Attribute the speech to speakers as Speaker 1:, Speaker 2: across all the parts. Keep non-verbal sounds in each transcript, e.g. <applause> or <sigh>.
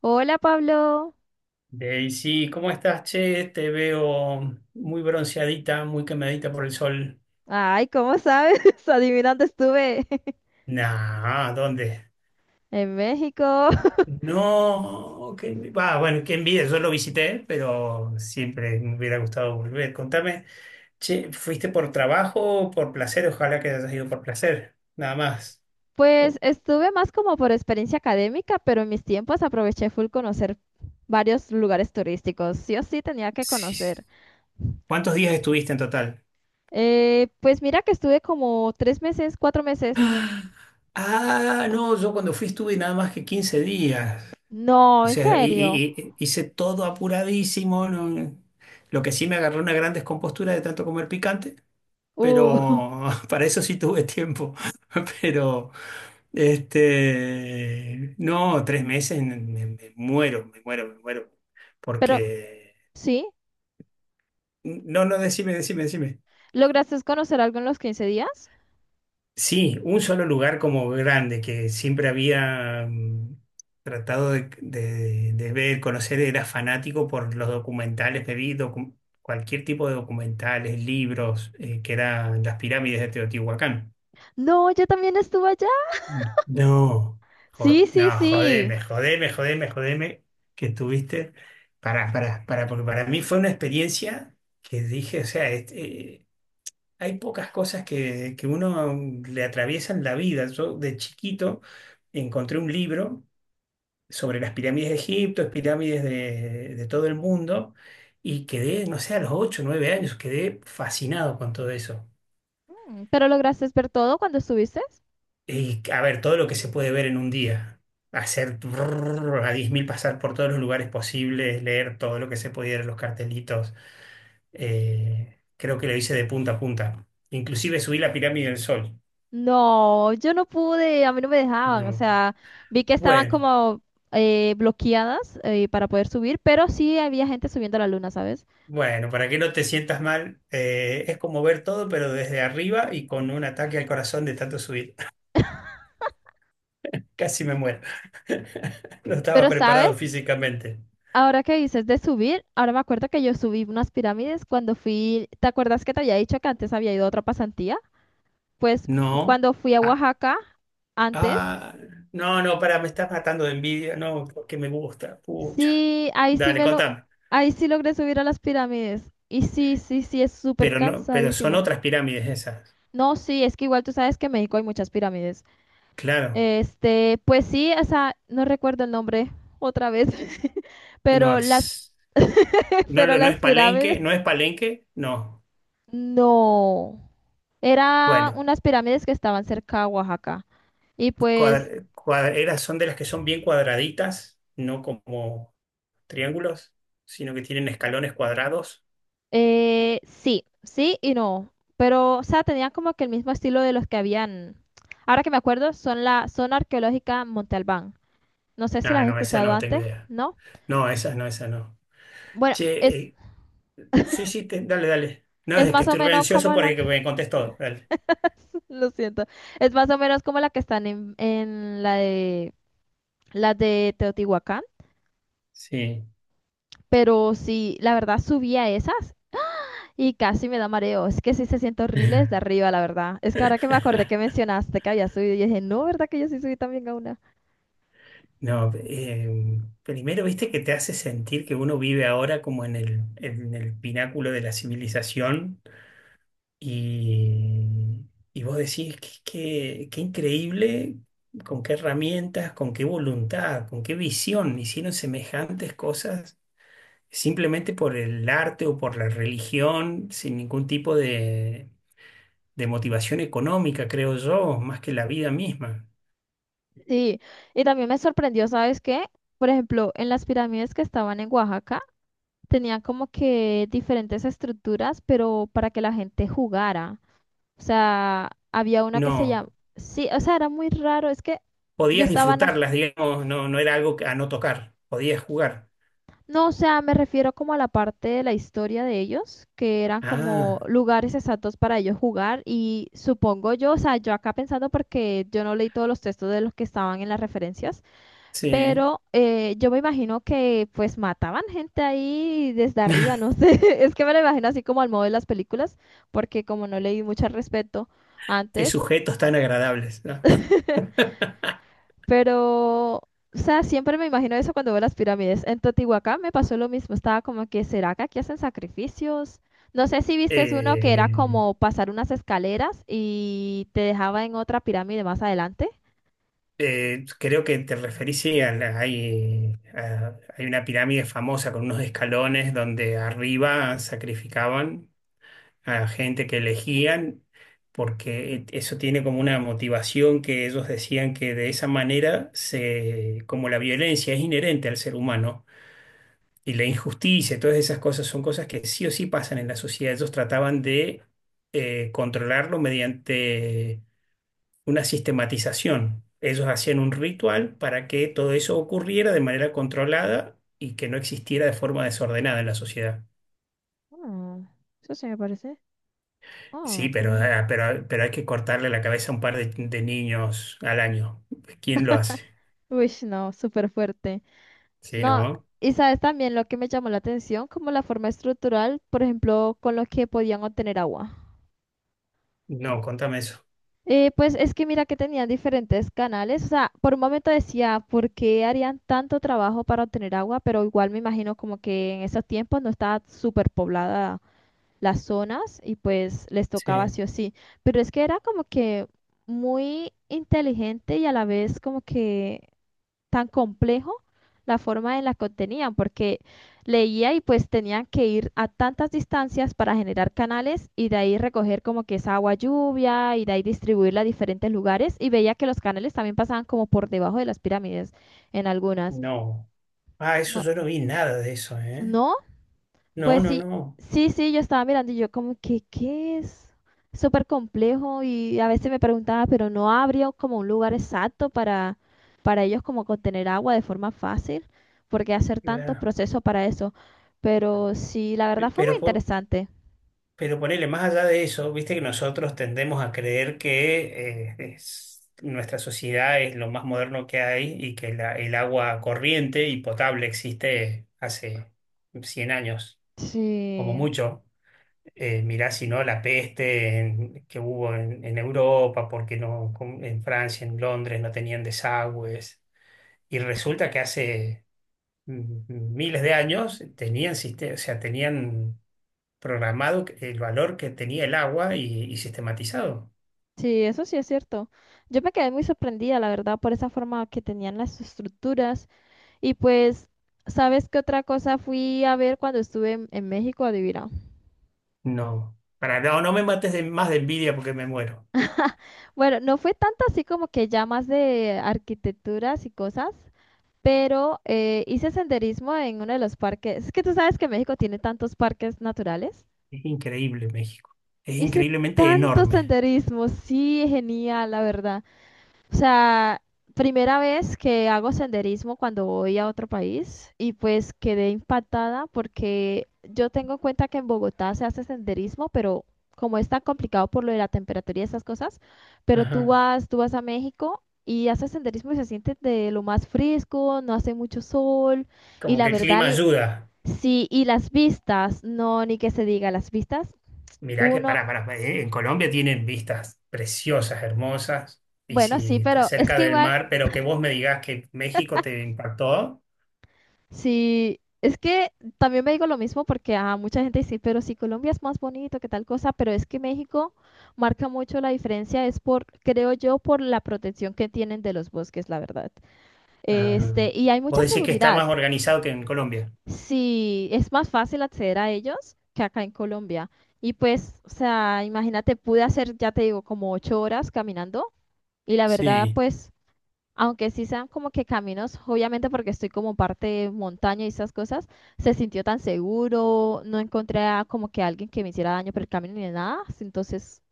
Speaker 1: Hola Pablo.
Speaker 2: Daisy, ¿cómo estás, che? Te veo muy bronceadita, muy quemadita por el sol.
Speaker 1: Ay, ¿cómo sabes? <laughs> Adivina dónde estuve. <laughs>
Speaker 2: Nah, ¿dónde?
Speaker 1: En México. <laughs>
Speaker 2: No, que va, bueno, qué envidia, yo lo visité, pero siempre me hubiera gustado volver. Contame, che, ¿fuiste por trabajo o por placer? Ojalá que hayas ido por placer, nada más.
Speaker 1: Pues
Speaker 2: O-
Speaker 1: estuve más como por experiencia académica, pero en mis tiempos aproveché full conocer varios lugares turísticos. Sí o sí tenía que
Speaker 2: sí.
Speaker 1: conocer.
Speaker 2: ¿Cuántos días estuviste en total?
Speaker 1: Pues mira que estuve como 3 meses, 4 meses.
Speaker 2: Ah, ah, no, yo cuando fui estuve nada más que 15 días. O
Speaker 1: No, en
Speaker 2: sea,
Speaker 1: serio.
Speaker 2: hice todo apuradísimo. Lo que sí me agarró una gran descompostura de tanto comer picante,
Speaker 1: Uh, <laughs>
Speaker 2: pero <laughs> para eso sí tuve tiempo. <laughs> Pero, no, 3 meses me muero, me muero, me muero.
Speaker 1: pero
Speaker 2: Porque,
Speaker 1: sí,
Speaker 2: no, no, decime, decime, decime.
Speaker 1: ¿lograste conocer algo en los 15 días?
Speaker 2: Sí, un solo lugar como grande que siempre había tratado de ver, conocer, era fanático por los documentales, me vi cualquier tipo de documentales, libros, que eran las pirámides de Teotihuacán.
Speaker 1: No, yo también estuve allá.
Speaker 2: No,
Speaker 1: Sí, sí,
Speaker 2: no,
Speaker 1: sí.
Speaker 2: jodeme, jodeme, jodeme, jodeme, que estuviste. Para, porque para mí fue una experiencia que dije, o sea, hay pocas cosas que uno le atraviesan la vida. Yo de chiquito encontré un libro sobre las pirámides de Egipto, las pirámides de todo el mundo, y quedé, no sé, a los 8, o 9 años, quedé fascinado con todo eso.
Speaker 1: ¿Pero lograste ver todo cuando estuviste?
Speaker 2: Y a ver, todo lo que se puede ver en un día, hacer brrr a 10.000, pasar por todos los lugares posibles, leer todo lo que se pudiera, los cartelitos, creo que lo hice de punta a punta. Inclusive subí la pirámide del Sol.
Speaker 1: No, yo no pude, a mí no me dejaban, o
Speaker 2: No.
Speaker 1: sea, vi que estaban
Speaker 2: Bueno.
Speaker 1: como bloqueadas para poder subir, pero sí había gente subiendo a la luna, ¿sabes?
Speaker 2: Bueno, para que no te sientas mal, es como ver todo, pero desde arriba y con un ataque al corazón de tanto subir. <laughs> Casi me muero. <laughs> No estaba
Speaker 1: Pero,
Speaker 2: preparado
Speaker 1: ¿sabes?
Speaker 2: físicamente.
Speaker 1: Ahora que dices de subir, ahora me acuerdo que yo subí unas pirámides cuando fui, ¿te acuerdas que te había dicho que antes había ido a otra pasantía? Pues
Speaker 2: No.
Speaker 1: cuando fui a
Speaker 2: Ah,
Speaker 1: Oaxaca antes,
Speaker 2: ah, no, no, para, me estás matando de envidia. No, porque me gusta. Pucha.
Speaker 1: sí, ahí sí
Speaker 2: Dale,
Speaker 1: me lo,
Speaker 2: contame.
Speaker 1: ahí sí logré subir a las pirámides. Y sí, sí, sí, es súper
Speaker 2: Pero no, pero son
Speaker 1: cansadísimo.
Speaker 2: otras pirámides esas.
Speaker 1: No, sí, es que igual tú sabes que en México hay muchas pirámides.
Speaker 2: Claro.
Speaker 1: Este, pues sí, esa, no recuerdo el nombre otra vez, <laughs>
Speaker 2: Y no,
Speaker 1: pero las, <laughs>
Speaker 2: no,
Speaker 1: pero
Speaker 2: no
Speaker 1: las
Speaker 2: es
Speaker 1: pirámides,
Speaker 2: Palenque, no es Palenque, no.
Speaker 1: no, eran
Speaker 2: Bueno.
Speaker 1: unas pirámides que estaban cerca a Oaxaca. Y pues,
Speaker 2: Cuadreras son de las que son bien cuadraditas, no como triángulos, sino que tienen escalones cuadrados.
Speaker 1: sí, sí y no, pero, o sea, tenían como que el mismo estilo de los que habían, ahora que me acuerdo, son la zona arqueológica Monte Albán. No sé si las
Speaker 2: Ah,
Speaker 1: has
Speaker 2: no, esa
Speaker 1: escuchado
Speaker 2: no tengo
Speaker 1: antes,
Speaker 2: idea.
Speaker 1: ¿no?
Speaker 2: No, esa no, esa no.
Speaker 1: Bueno,
Speaker 2: Che,
Speaker 1: es,
Speaker 2: eh, sí, sí, dale, dale. No,
Speaker 1: es
Speaker 2: es que
Speaker 1: más o
Speaker 2: estuve
Speaker 1: menos
Speaker 2: ansioso
Speaker 1: como
Speaker 2: por
Speaker 1: la.
Speaker 2: que me contestó. Dale.
Speaker 1: Lo siento. Es más o menos como la que están en la de las de Teotihuacán.
Speaker 2: Sí.
Speaker 1: Pero sí, la verdad subí a esas y casi me da mareo. Es que sí se siente horrible desde
Speaker 2: <laughs>
Speaker 1: arriba, la verdad. Es que ahora que me acordé que mencionaste que había subido, yo dije, no, ¿verdad que yo sí subí también a una?
Speaker 2: No, primero, viste que te hace sentir que uno vive ahora como en el pináculo de la civilización. Y, y vos decís qué increíble con qué herramientas, con qué voluntad, con qué visión hicieron semejantes cosas simplemente por el arte o por la religión, sin ningún tipo de motivación económica, creo yo, más que la vida misma.
Speaker 1: Sí, y también me sorprendió, ¿sabes qué? Por ejemplo, en las pirámides que estaban en Oaxaca, tenían como que diferentes estructuras, pero para que la gente jugara. O sea, había una que se llama...
Speaker 2: No,
Speaker 1: Sí, o sea, era muy raro. Es que yo
Speaker 2: podías
Speaker 1: estaba.
Speaker 2: disfrutarlas, digamos, no, no era algo a no tocar, podías jugar.
Speaker 1: No, o sea, me refiero como a la parte de la historia de ellos, que eran como
Speaker 2: Ah,
Speaker 1: lugares exactos para ellos jugar y supongo yo, o sea, yo acá pensando porque yo no leí todos los textos de los que estaban en las referencias,
Speaker 2: sí,
Speaker 1: pero yo me imagino que pues mataban gente ahí desde arriba,
Speaker 2: <laughs>
Speaker 1: no sé, <laughs> es que me lo imagino así como al modo de las películas, porque como no leí mucho al respecto
Speaker 2: qué
Speaker 1: antes.
Speaker 2: sujetos tan agradables, ¿no? <laughs>
Speaker 1: Pero, o sea, siempre me imagino eso cuando veo las pirámides. En Teotihuacán me pasó lo mismo. Estaba como que, ¿será que aquí hacen sacrificios? No sé si viste uno que era
Speaker 2: Eh,
Speaker 1: como pasar unas escaleras y te dejaba en otra pirámide más adelante.
Speaker 2: Creo que te referís, sí, a la- hay, a- hay una pirámide famosa con unos escalones donde arriba sacrificaban a gente que elegían, porque eso tiene como una motivación que ellos decían que de esa manera, como la violencia es inherente al ser humano y la injusticia, y todas esas cosas son cosas que sí o sí pasan en la sociedad, ellos trataban de controlarlo mediante una sistematización. Ellos hacían un ritual para que todo eso ocurriera de manera controlada y que no existiera de forma desordenada en la sociedad.
Speaker 1: Ah, eso sí me parece.
Speaker 2: Sí,
Speaker 1: Oh,
Speaker 2: pero,
Speaker 1: tienes razón.
Speaker 2: ah, pero hay que cortarle la cabeza a un par de niños al año. ¿Quién lo hace?
Speaker 1: Uy, no, súper fuerte.
Speaker 2: Sí,
Speaker 1: No,
Speaker 2: ¿no?
Speaker 1: y sabes también lo que me llamó la atención, como la forma estructural, por ejemplo, con lo que podían obtener agua.
Speaker 2: No, contame eso.
Speaker 1: Pues es que mira que tenían diferentes canales, o sea, por un momento decía, ¿por qué harían tanto trabajo para obtener agua? Pero igual me imagino como que en esos tiempos no estaba súper poblada las zonas y pues les tocaba
Speaker 2: Sí,
Speaker 1: sí o sí. Pero es que era como que muy inteligente y a la vez como que tan complejo la forma en la que obtenían, porque leía y pues tenían que ir a tantas distancias para generar canales y de ahí recoger como que esa agua lluvia y de ahí distribuirla a diferentes lugares y veía que los canales también pasaban como por debajo de las pirámides en algunas.
Speaker 2: no. Ah, eso
Speaker 1: No,
Speaker 2: yo no vi nada de eso, ¿eh?
Speaker 1: no,
Speaker 2: No,
Speaker 1: pues
Speaker 2: no,
Speaker 1: sí,
Speaker 2: no.
Speaker 1: sí, sí, yo estaba mirando y yo como que, ¿qué es? Súper complejo y a veces me preguntaba, pero no habría como un lugar exacto para, ellos como contener agua de forma fácil, porque hacer tantos
Speaker 2: La-
Speaker 1: procesos para eso. Pero sí, la verdad fue muy
Speaker 2: Pero,
Speaker 1: interesante.
Speaker 2: Pero ponele, más allá de eso, viste que nosotros tendemos a creer que nuestra sociedad es lo más moderno que hay y que el agua corriente y potable existe hace 100 años, como
Speaker 1: Sí,
Speaker 2: mucho. Mirá, si no, la peste que hubo en Europa, porque no, en Francia, en Londres no tenían desagües. Y resulta que hace miles de años tenían, o sea, tenían programado el valor que tenía el agua y sistematizado.
Speaker 1: sí, eso sí es cierto. Yo me quedé muy sorprendida, la verdad, por esa forma que tenían las estructuras. Y pues, ¿sabes qué otra cosa fui a ver cuando estuve en México? Adivina.
Speaker 2: No, para, no, no me mates más de envidia porque me muero.
Speaker 1: Bueno, no fue tanto así como que ya más de arquitecturas y cosas, pero hice senderismo en uno de los parques. Es que tú sabes que México tiene tantos parques naturales.
Speaker 2: Es increíble México. Es
Speaker 1: Hice
Speaker 2: increíblemente
Speaker 1: tanto
Speaker 2: enorme.
Speaker 1: senderismo, sí, genial, la verdad. O sea, primera vez que hago senderismo cuando voy a otro país y pues quedé impactada porque yo tengo en cuenta que en Bogotá se hace senderismo, pero como es tan complicado por lo de la temperatura y esas cosas, pero tú
Speaker 2: Ajá.
Speaker 1: vas, tú vas a México y haces senderismo y se siente de lo más fresco, no hace mucho sol y
Speaker 2: Como
Speaker 1: la
Speaker 2: que el
Speaker 1: verdad,
Speaker 2: clima ayuda.
Speaker 1: sí, y las vistas, no, ni que se diga las vistas,
Speaker 2: Mirá que
Speaker 1: uno,
Speaker 2: para en Colombia tienen vistas preciosas, hermosas. Y
Speaker 1: bueno, sí,
Speaker 2: si estás
Speaker 1: pero es
Speaker 2: cerca
Speaker 1: que
Speaker 2: del
Speaker 1: igual.
Speaker 2: mar, pero que vos me digas que México te impactó,
Speaker 1: Sí, es que también me digo lo mismo porque a mucha gente dice, pero si Colombia es más bonito, que tal cosa, pero es que México marca mucho la diferencia, es por, creo yo, por la protección que tienen de los bosques, la verdad.
Speaker 2: ah,
Speaker 1: Este, y hay
Speaker 2: vos
Speaker 1: mucha
Speaker 2: decís que está
Speaker 1: seguridad.
Speaker 2: más organizado que en Colombia.
Speaker 1: Sí, es más fácil acceder a ellos que acá en Colombia. Y pues, o sea, imagínate, pude hacer, ya te digo, como 8 horas caminando y la verdad,
Speaker 2: Sí.
Speaker 1: pues aunque sí sean como que caminos, obviamente porque estoy como parte de montaña y esas cosas, se sintió tan seguro, no encontré a como que alguien que me hiciera daño por el camino ni nada, entonces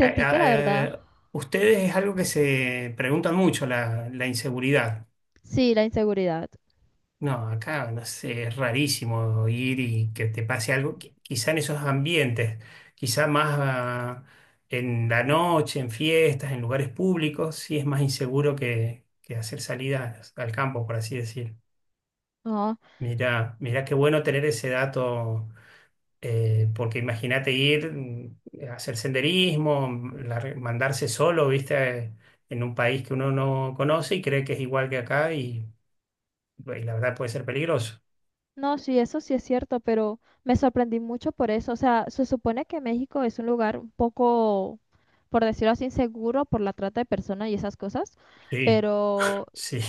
Speaker 2: Eh,
Speaker 1: que la verdad,
Speaker 2: eh, ustedes es algo que se preguntan mucho, la inseguridad.
Speaker 1: sí, la inseguridad.
Speaker 2: No, acá no sé, es rarísimo ir y que te pase algo, quizá en esos ambientes, quizá más en la noche, en fiestas, en lugares públicos, sí es más inseguro que hacer salidas al campo, por así decir.
Speaker 1: No,
Speaker 2: Mirá, mirá qué bueno tener ese dato. Porque imagínate ir a hacer senderismo, mandarse solo, viste, en un país que uno no conoce y cree que es igual que acá y la verdad puede ser peligroso.
Speaker 1: no, sí, eso sí es cierto, pero me sorprendí mucho por eso. O sea, se supone que México es un lugar un poco, por decirlo así, inseguro por la trata de personas y esas cosas,
Speaker 2: Sí,
Speaker 1: pero,
Speaker 2: sí.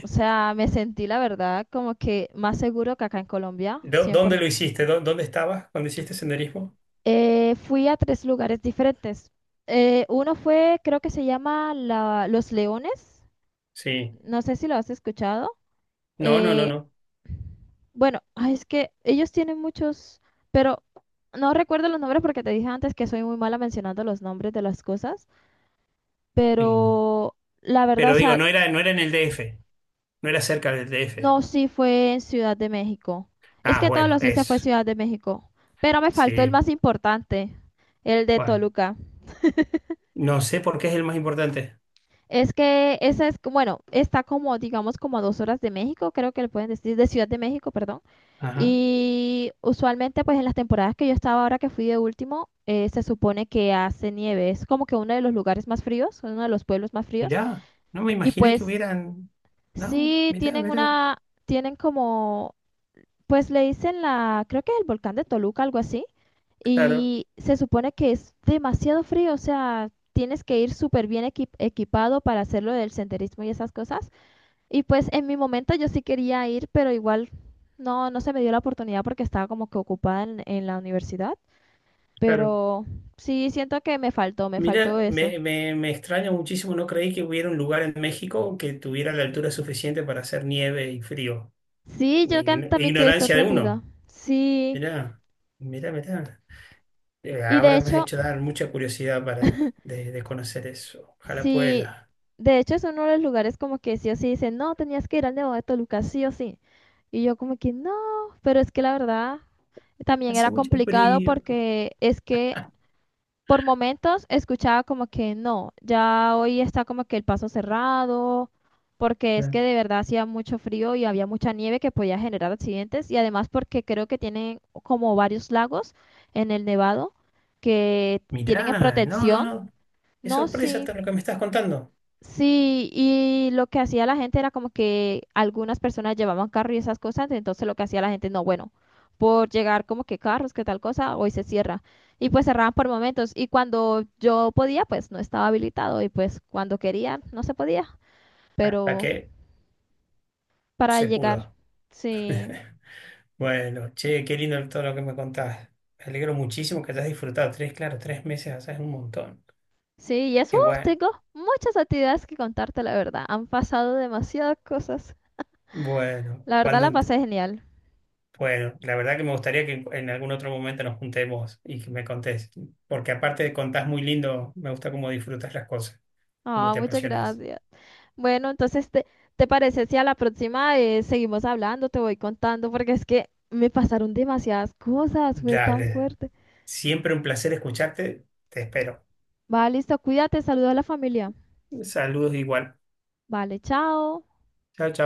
Speaker 1: o sea, me sentí la verdad como que más seguro que acá en Colombia,
Speaker 2: <laughs> ¿Dónde lo
Speaker 1: 100%.
Speaker 2: hiciste? ¿Dónde estabas cuando hiciste senderismo?
Speaker 1: Fui a tres lugares diferentes. Uno fue, creo que se llama Los Leones.
Speaker 2: Sí.
Speaker 1: No sé si lo has escuchado.
Speaker 2: No, no, no,
Speaker 1: Eh,
Speaker 2: no.
Speaker 1: bueno, ay, es que ellos tienen muchos, pero no recuerdo los nombres porque te dije antes que soy muy mala mencionando los nombres de las cosas.
Speaker 2: Sí.
Speaker 1: Pero la verdad, o
Speaker 2: Pero digo,
Speaker 1: sea,
Speaker 2: no era en el DF, no era cerca del D
Speaker 1: no,
Speaker 2: F
Speaker 1: sí fue en Ciudad de México. Es
Speaker 2: Ah,
Speaker 1: que todos
Speaker 2: bueno,
Speaker 1: los hice fue
Speaker 2: eso.
Speaker 1: Ciudad de México. Pero me faltó el
Speaker 2: Sí.
Speaker 1: más importante, el de
Speaker 2: ¿Cuál?
Speaker 1: Toluca.
Speaker 2: No sé por qué es el más importante.
Speaker 1: Es que esa es, bueno, está como, digamos, como a 2 horas de México, creo que le pueden decir, de Ciudad de México, perdón.
Speaker 2: Ajá.
Speaker 1: Y usualmente, pues en las temporadas que yo estaba ahora que fui de último, se supone que hace nieve. Es como que uno de los lugares más fríos, uno de los pueblos más fríos.
Speaker 2: Mirá, no me
Speaker 1: Y
Speaker 2: imaginé que
Speaker 1: pues
Speaker 2: hubieran. No,
Speaker 1: sí
Speaker 2: mirá,
Speaker 1: tienen
Speaker 2: mirá.
Speaker 1: una, tienen como, pues le dicen la, creo que es el volcán de Toluca, algo así.
Speaker 2: Claro,
Speaker 1: Y se supone que es demasiado frío, o sea, tienes que ir súper bien equipado para hacerlo del senderismo y esas cosas. Y pues en mi momento yo sí quería ir, pero igual no, no se me dio la oportunidad porque estaba como que ocupada en, la universidad.
Speaker 2: claro.
Speaker 1: Pero sí siento que me faltó
Speaker 2: Mira,
Speaker 1: eso.
Speaker 2: me extraña muchísimo, no creí que hubiera un lugar en México que tuviera la altura suficiente para hacer nieve y frío.
Speaker 1: Sí, yo
Speaker 2: Ign-
Speaker 1: también quedé
Speaker 2: Ignorancia de
Speaker 1: sorprendida.
Speaker 2: uno.
Speaker 1: Sí,
Speaker 2: Mirá, mirá, mirá.
Speaker 1: y de
Speaker 2: Ahora me has
Speaker 1: hecho,
Speaker 2: hecho dar mucha curiosidad para de conocer eso. Ojalá
Speaker 1: sí,
Speaker 2: pueda.
Speaker 1: de hecho es uno de los lugares como que sí o sí dicen, no, tenías que ir al Nevado de Toluca, sí o sí. Y yo como que no, pero es que la verdad también era
Speaker 2: Hace mucho
Speaker 1: complicado
Speaker 2: frío.
Speaker 1: porque es que por momentos escuchaba como que no, ya hoy está como que el paso cerrado, porque es que
Speaker 2: Claro.
Speaker 1: de verdad hacía mucho frío y había mucha nieve que podía generar accidentes y además porque creo que tienen como varios lagos en el Nevado que tienen en
Speaker 2: Mirá, no, no,
Speaker 1: protección.
Speaker 2: no. Qué
Speaker 1: No,
Speaker 2: sorpresa
Speaker 1: sí.
Speaker 2: todo lo que me estás contando.
Speaker 1: Sí, y lo que hacía la gente era como que algunas personas llevaban carro y esas cosas, entonces lo que hacía la gente, no, bueno, por llegar como que carros, que tal cosa, hoy se cierra. Y pues cerraban por momentos. Y cuando yo podía, pues no estaba habilitado. Y pues cuando quería, no se podía.
Speaker 2: Hasta
Speaker 1: Pero
Speaker 2: que
Speaker 1: para
Speaker 2: se
Speaker 1: llegar,
Speaker 2: pudo.
Speaker 1: sí.
Speaker 2: Bueno, che, qué lindo todo lo que me contás. Me alegro muchísimo que hayas disfrutado. Tres, claro, 3 meses allá es un montón.
Speaker 1: Sí, y eso
Speaker 2: Qué
Speaker 1: uf,
Speaker 2: bueno.
Speaker 1: tengo muchas actividades que contarte, la verdad. Han pasado demasiadas cosas.
Speaker 2: Bueno,
Speaker 1: La verdad
Speaker 2: cuando,
Speaker 1: la pasé genial.
Speaker 2: bueno, la verdad que me gustaría que en algún otro momento nos juntemos y que me contés. Porque aparte de contás muy lindo, me gusta cómo disfrutas las cosas, cómo
Speaker 1: Ah,
Speaker 2: te
Speaker 1: muchas
Speaker 2: apasionas.
Speaker 1: gracias. Bueno, entonces, ¿te parece si a la próxima seguimos hablando? Te voy contando porque es que me pasaron demasiadas cosas, fue tan
Speaker 2: Dale.
Speaker 1: fuerte.
Speaker 2: Siempre un placer escucharte. Te espero.
Speaker 1: Vale, listo, cuídate, saludo a la familia.
Speaker 2: Saludos igual.
Speaker 1: Vale, chao.
Speaker 2: Chao, chao.